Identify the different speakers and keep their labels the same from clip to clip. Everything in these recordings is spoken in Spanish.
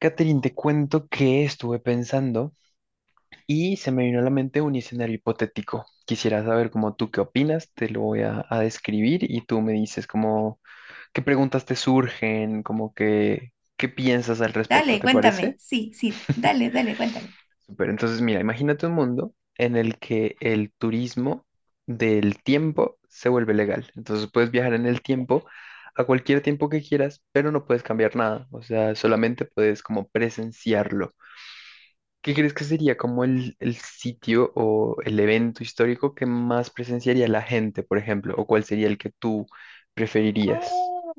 Speaker 1: Catherine, te cuento que estuve pensando y se me vino a la mente un escenario hipotético. Quisiera saber cómo tú qué opinas, te lo voy a describir y tú me dices cómo, qué preguntas te surgen, como que, qué piensas al respecto,
Speaker 2: Dale,
Speaker 1: ¿te
Speaker 2: cuéntame.
Speaker 1: parece?
Speaker 2: Sí, sí, dale, dale, cuéntame.
Speaker 1: Súper, entonces mira, imagínate un mundo en el que el turismo del tiempo se vuelve legal. Entonces puedes viajar en el tiempo a cualquier tiempo que quieras, pero no puedes cambiar nada, o sea, solamente puedes como presenciarlo. ¿Qué crees que sería como el sitio o el evento histórico que más presenciaría la gente, por ejemplo? ¿O cuál sería el que tú preferirías?
Speaker 2: Oh,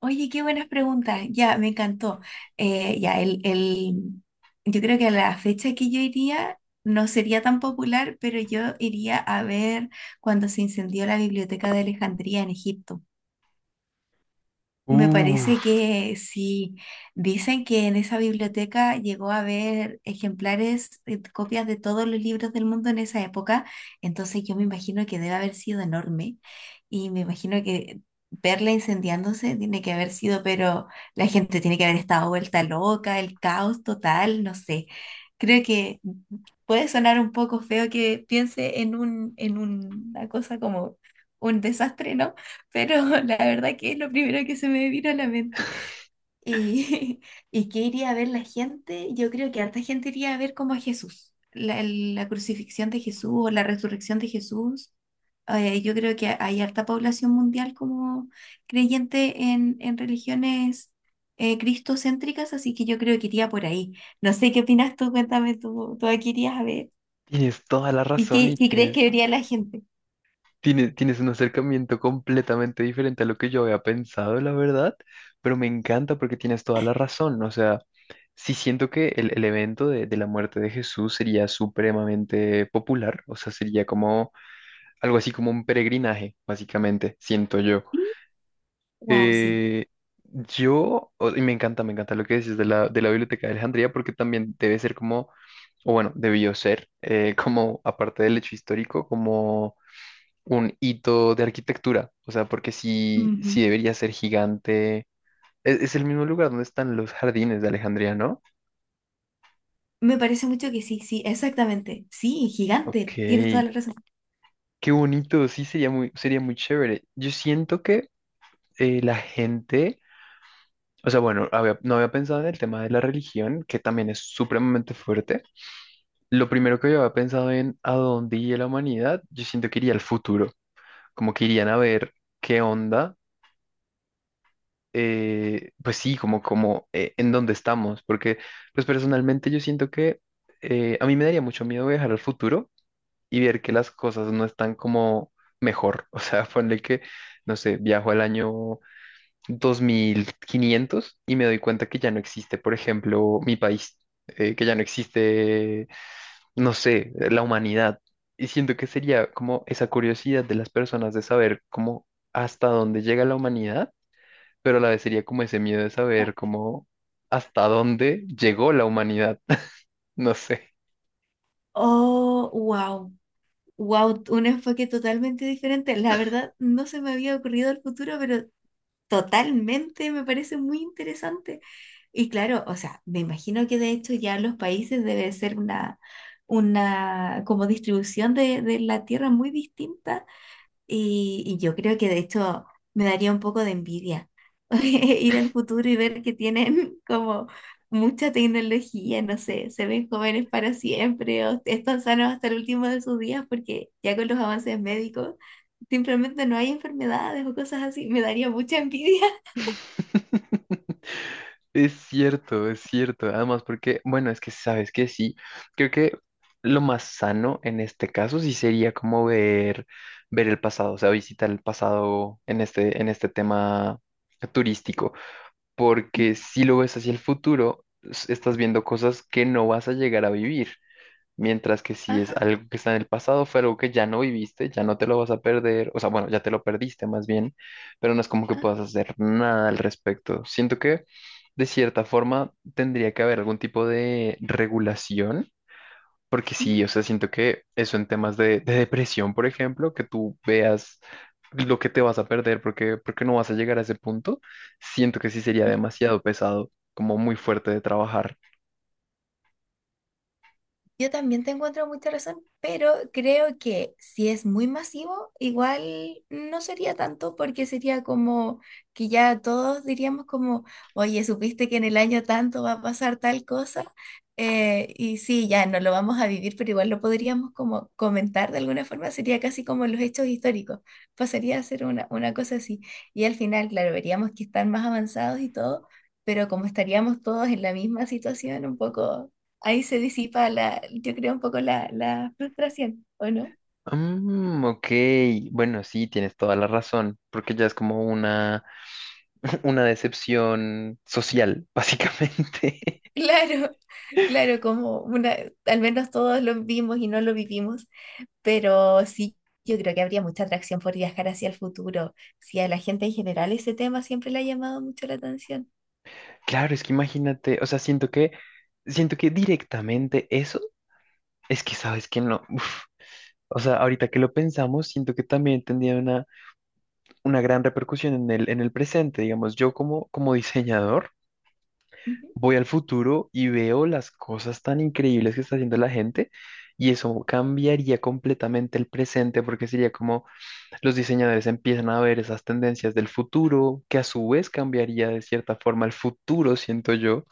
Speaker 2: oye, qué buenas preguntas. Ya, me encantó. Eh, ya, el, el, yo creo que a la fecha que yo iría no sería tan popular, pero yo iría a ver cuando se incendió la biblioteca de Alejandría en Egipto. Me parece
Speaker 1: Uf,
Speaker 2: que sí. Dicen que en esa biblioteca llegó a haber ejemplares, copias de todos los libros del mundo en esa época. Entonces yo me imagino que debe haber sido enorme. Y me imagino que verla incendiándose tiene que haber sido, pero la gente tiene que haber estado vuelta loca, el caos total, no sé. Creo que puede sonar un poco feo que piense en una cosa como un desastre, ¿no? Pero la verdad que es lo primero que se me vino a la mente. ¿Y, y qué iría a ver la gente? Yo creo que harta gente iría a ver como a Jesús, la crucifixión de Jesús o la resurrección de Jesús. Yo creo que hay harta población mundial como creyente en religiones cristocéntricas, así que yo creo que iría por ahí. No sé qué opinas tú, cuéntame tú, tú aquí irías a ver.
Speaker 1: tienes toda la
Speaker 2: ¿Y
Speaker 1: razón y
Speaker 2: qué crees que
Speaker 1: tienes,
Speaker 2: vería la gente?
Speaker 1: tienes, tienes un acercamiento completamente diferente a lo que yo había pensado, la verdad, pero me encanta porque tienes toda la razón. O sea, sí siento que el evento de la muerte de Jesús sería supremamente popular, o sea, sería como algo así como un peregrinaje, básicamente, siento yo.
Speaker 2: Wow, sí.
Speaker 1: Eh, y me encanta lo que dices de la Biblioteca de Alejandría, porque también debe ser como, o bueno, debió ser, como, aparte del hecho histórico, como un hito de arquitectura. O sea, porque sí,
Speaker 2: Ujú.
Speaker 1: sí debería ser gigante. Es el mismo lugar donde están los jardines de Alejandría, ¿no?
Speaker 2: Me parece mucho que sí, sí, exactamente. Sí,
Speaker 1: Ok,
Speaker 2: gigante, tienes toda la razón.
Speaker 1: qué bonito, sí, sería muy chévere. Yo siento que la gente, o sea, bueno, no había pensado en el tema de la religión, que también es supremamente fuerte. Lo primero que yo había pensado en a dónde iría la humanidad, yo siento que iría al futuro, como que irían a ver qué onda, pues sí, como en dónde estamos, porque pues personalmente yo siento que a mí me daría mucho miedo viajar al futuro y ver que las cosas no están como mejor, o sea, ponle que, no sé, viajo al año 2500 y me doy cuenta que ya no existe, por ejemplo, mi país, que ya no existe, no sé, la humanidad. Y siento que sería como esa curiosidad de las personas de saber cómo hasta dónde llega la humanidad, pero a la vez sería como ese miedo de
Speaker 2: Ajá.
Speaker 1: saber cómo hasta dónde llegó la humanidad. No sé.
Speaker 2: Oh, wow, wow, un enfoque totalmente diferente. La verdad, no se me había ocurrido el futuro, pero totalmente me parece muy interesante. Y claro, o sea, me imagino que de hecho ya los países debe ser una como distribución de la tierra muy distinta. Y yo creo que de hecho me daría un poco de envidia ir al futuro y ver que tienen como mucha tecnología, no sé, se ven jóvenes para siempre o están sanos hasta el último de sus días porque ya con los avances médicos simplemente no hay enfermedades o cosas así. Me daría mucha envidia.
Speaker 1: Es cierto, es cierto. Además, porque, bueno, es que sabes que sí. Creo que lo más sano en este caso sí sería como ver el pasado, o sea, visitar el pasado en este tema turístico. Porque si lo ves hacia el futuro, estás viendo cosas que no vas a llegar a vivir, mientras que si es
Speaker 2: Ajá,
Speaker 1: algo que está en el pasado, fue algo que ya no viviste, ya no te lo vas a perder, o sea, bueno, ya te lo perdiste más bien, pero no es como que
Speaker 2: ajá.
Speaker 1: puedas hacer nada al respecto. Siento que de cierta forma tendría que haber algún tipo de regulación. Porque sí, o sea, siento que eso en temas de depresión, por ejemplo, que tú veas lo que te vas a perder porque no vas a llegar a ese punto, siento que sí sería demasiado pesado, como muy fuerte de trabajar.
Speaker 2: Yo también te encuentro mucha razón, pero creo que si es muy masivo, igual no sería tanto porque sería como que ya todos diríamos como, oye, supiste que en el año tanto va a pasar tal cosa. Y sí, ya no lo vamos a vivir, pero igual lo podríamos como comentar de alguna forma, sería casi como los hechos históricos, pasaría a ser una cosa así. Y al final, claro, veríamos que están más avanzados y todo, pero como estaríamos todos en la misma situación, un poco ahí se disipa la, yo creo un poco la frustración, ¿o no?
Speaker 1: Mm, ok, bueno, sí, tienes toda la razón, porque ya es como una, una decepción social, básicamente.
Speaker 2: Claro, claro, como una, al menos todos lo vimos y no lo vivimos, pero sí, yo creo que habría mucha atracción por viajar hacia el futuro, si a la gente en general ese tema siempre le ha llamado mucho la atención.
Speaker 1: Claro, es que imagínate, o sea, siento que directamente eso es que sabes que no. Uf. O sea, ahorita que lo pensamos, siento que también tendría una gran repercusión en el presente, digamos, yo como diseñador.
Speaker 2: Ujú,
Speaker 1: Voy al futuro y veo las cosas tan increíbles que está haciendo la gente y eso cambiaría completamente el presente porque sería como los diseñadores empiezan a ver esas tendencias del futuro, que a su vez cambiaría de cierta forma el futuro, siento yo,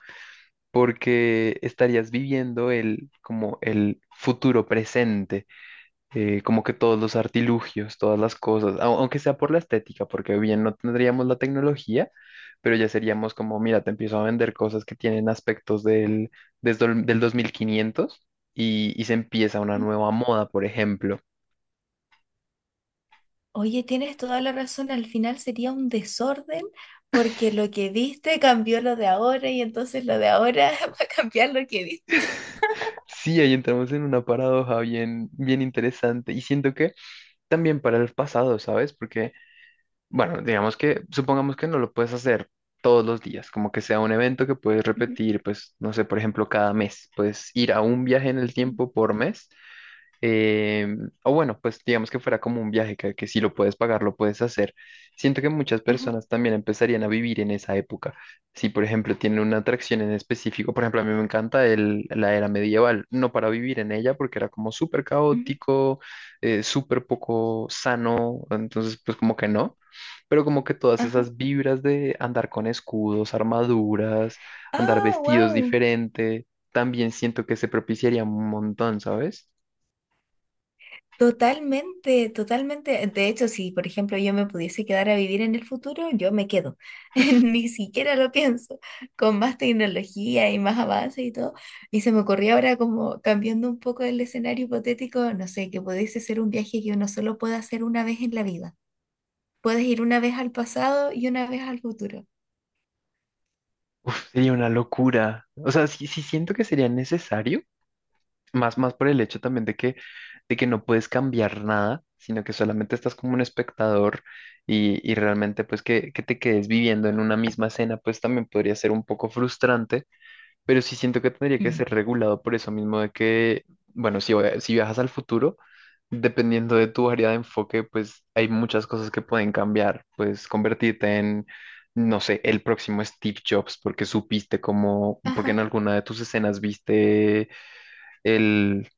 Speaker 1: porque estarías viviendo el como el futuro presente, como que todos los artilugios, todas las cosas, aunque sea por la estética, porque bien no tendríamos la tecnología, pero ya seríamos como, mira, te empiezo a vender cosas que tienen aspectos del 2500 y se empieza una
Speaker 2: ujú.
Speaker 1: nueva moda, por ejemplo.
Speaker 2: Oye, tienes toda la razón, al final sería un desorden porque lo que viste cambió lo de ahora y entonces lo de ahora va a cambiar lo que viste.
Speaker 1: Sí, ahí entramos en una paradoja bien, bien interesante y siento que también para el pasado, ¿sabes? Porque bueno, digamos que, supongamos que no lo puedes hacer todos los días, como que sea un evento que puedes
Speaker 2: Ujú,
Speaker 1: repetir, pues, no sé, por ejemplo, cada mes, puedes ir a un viaje en el
Speaker 2: ujú.
Speaker 1: tiempo por mes, eh, o bueno, pues digamos que fuera como un viaje que si lo puedes pagar, lo puedes hacer. Siento que muchas
Speaker 2: Ajá,
Speaker 1: personas también empezarían a vivir en esa época. Si, por ejemplo, tienen una atracción en específico, por ejemplo, a mí me encanta la era medieval, no para vivir en ella porque era como súper
Speaker 2: ujú,
Speaker 1: caótico, súper poco sano, entonces, pues como que no pero como que todas
Speaker 2: ajá.
Speaker 1: esas vibras de andar con escudos, armaduras, andar
Speaker 2: Ah,
Speaker 1: vestidos
Speaker 2: wow.
Speaker 1: diferente, también siento que se propiciaría un montón, ¿sabes?
Speaker 2: Totalmente, totalmente. De hecho, si por ejemplo yo me pudiese quedar a vivir en el futuro, yo me quedo. Ni siquiera lo pienso. Con más tecnología y más avance y todo. Y se me ocurrió ahora como cambiando un poco el escenario hipotético, no sé, que pudiese ser un viaje que uno solo puede hacer una vez en la vida. Puedes ir una vez al pasado y una vez al futuro.
Speaker 1: Uf, sería una locura. O sea, sí, sí siento que sería necesario, más, más por el hecho también de que no puedes cambiar nada, sino que solamente estás como un espectador y realmente pues que te quedes viviendo en una misma escena, pues también podría ser un poco frustrante pero sí siento que tendría que
Speaker 2: Mm.
Speaker 1: ser regulado por eso mismo de que, bueno, si viajas al futuro, dependiendo de tu área de enfoque, pues hay muchas cosas que pueden cambiar. Pues convertirte en, no sé, el próximo Steve Jobs porque supiste cómo, porque en
Speaker 2: Ajá,
Speaker 1: alguna de tus escenas viste el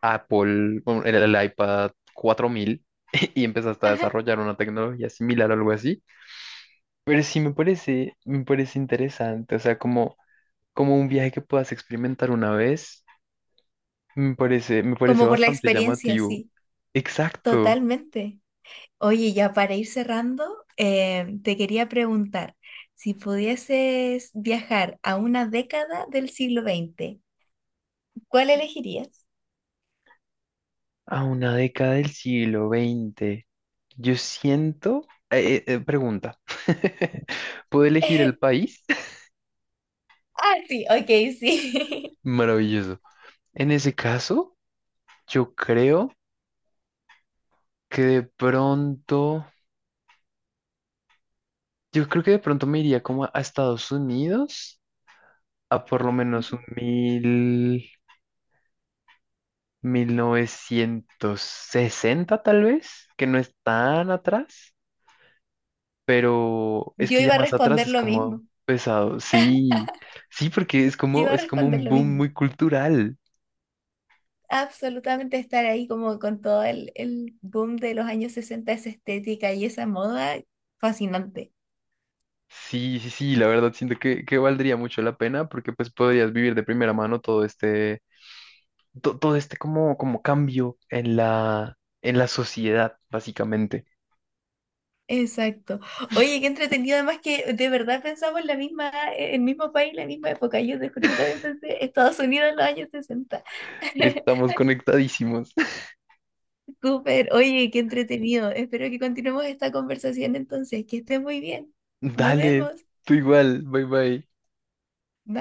Speaker 1: Apple, bueno, el iPad 4000 y empezaste a
Speaker 2: ajá.
Speaker 1: desarrollar una tecnología similar o algo así. Pero sí me parece interesante, o sea, como un viaje que puedas experimentar una vez, me parece
Speaker 2: Como por la
Speaker 1: bastante
Speaker 2: experiencia,
Speaker 1: llamativo.
Speaker 2: sí.
Speaker 1: Exacto,
Speaker 2: Totalmente. Oye, ya para ir cerrando, te quería preguntar, si pudieses viajar a una década del siglo XX, ¿cuál elegirías?
Speaker 1: a una década del siglo XX. Yo siento... pregunta, ¿puedo elegir el país?
Speaker 2: Ah, sí, ok, sí.
Speaker 1: Maravilloso. En ese caso, yo creo que de pronto, yo creo que de pronto me iría como a Estados Unidos, a por lo menos
Speaker 2: Ujú.
Speaker 1: un mil 1960 tal vez, que no es tan atrás, pero es
Speaker 2: Yo
Speaker 1: que ya
Speaker 2: iba a
Speaker 1: más atrás
Speaker 2: responder
Speaker 1: es
Speaker 2: lo
Speaker 1: como
Speaker 2: mismo.
Speaker 1: pesado. Sí, sí, porque es
Speaker 2: Yo
Speaker 1: como,
Speaker 2: iba a
Speaker 1: es como
Speaker 2: responder
Speaker 1: un
Speaker 2: lo
Speaker 1: boom
Speaker 2: mismo.
Speaker 1: muy cultural.
Speaker 2: Absolutamente estar ahí como con todo el boom de los años sesenta, esa estética y esa moda, fascinante.
Speaker 1: Sí, sí, sí, la verdad siento que valdría mucho la pena porque pues podrías vivir de primera mano todo este como cambio en la sociedad, básicamente.
Speaker 2: Exacto. Oye, qué entretenido, además que de verdad pensamos la misma, el mismo país, la misma época. Yo te juro que también pensé Estados Unidos en los años sesenta.
Speaker 1: Estamos conectadísimos.
Speaker 2: Súper. Oye, qué entretenido. Espero que continuemos esta conversación entonces. Que estés muy bien. Nos
Speaker 1: Dale,
Speaker 2: vemos.
Speaker 1: tú igual, bye bye.
Speaker 2: Bye.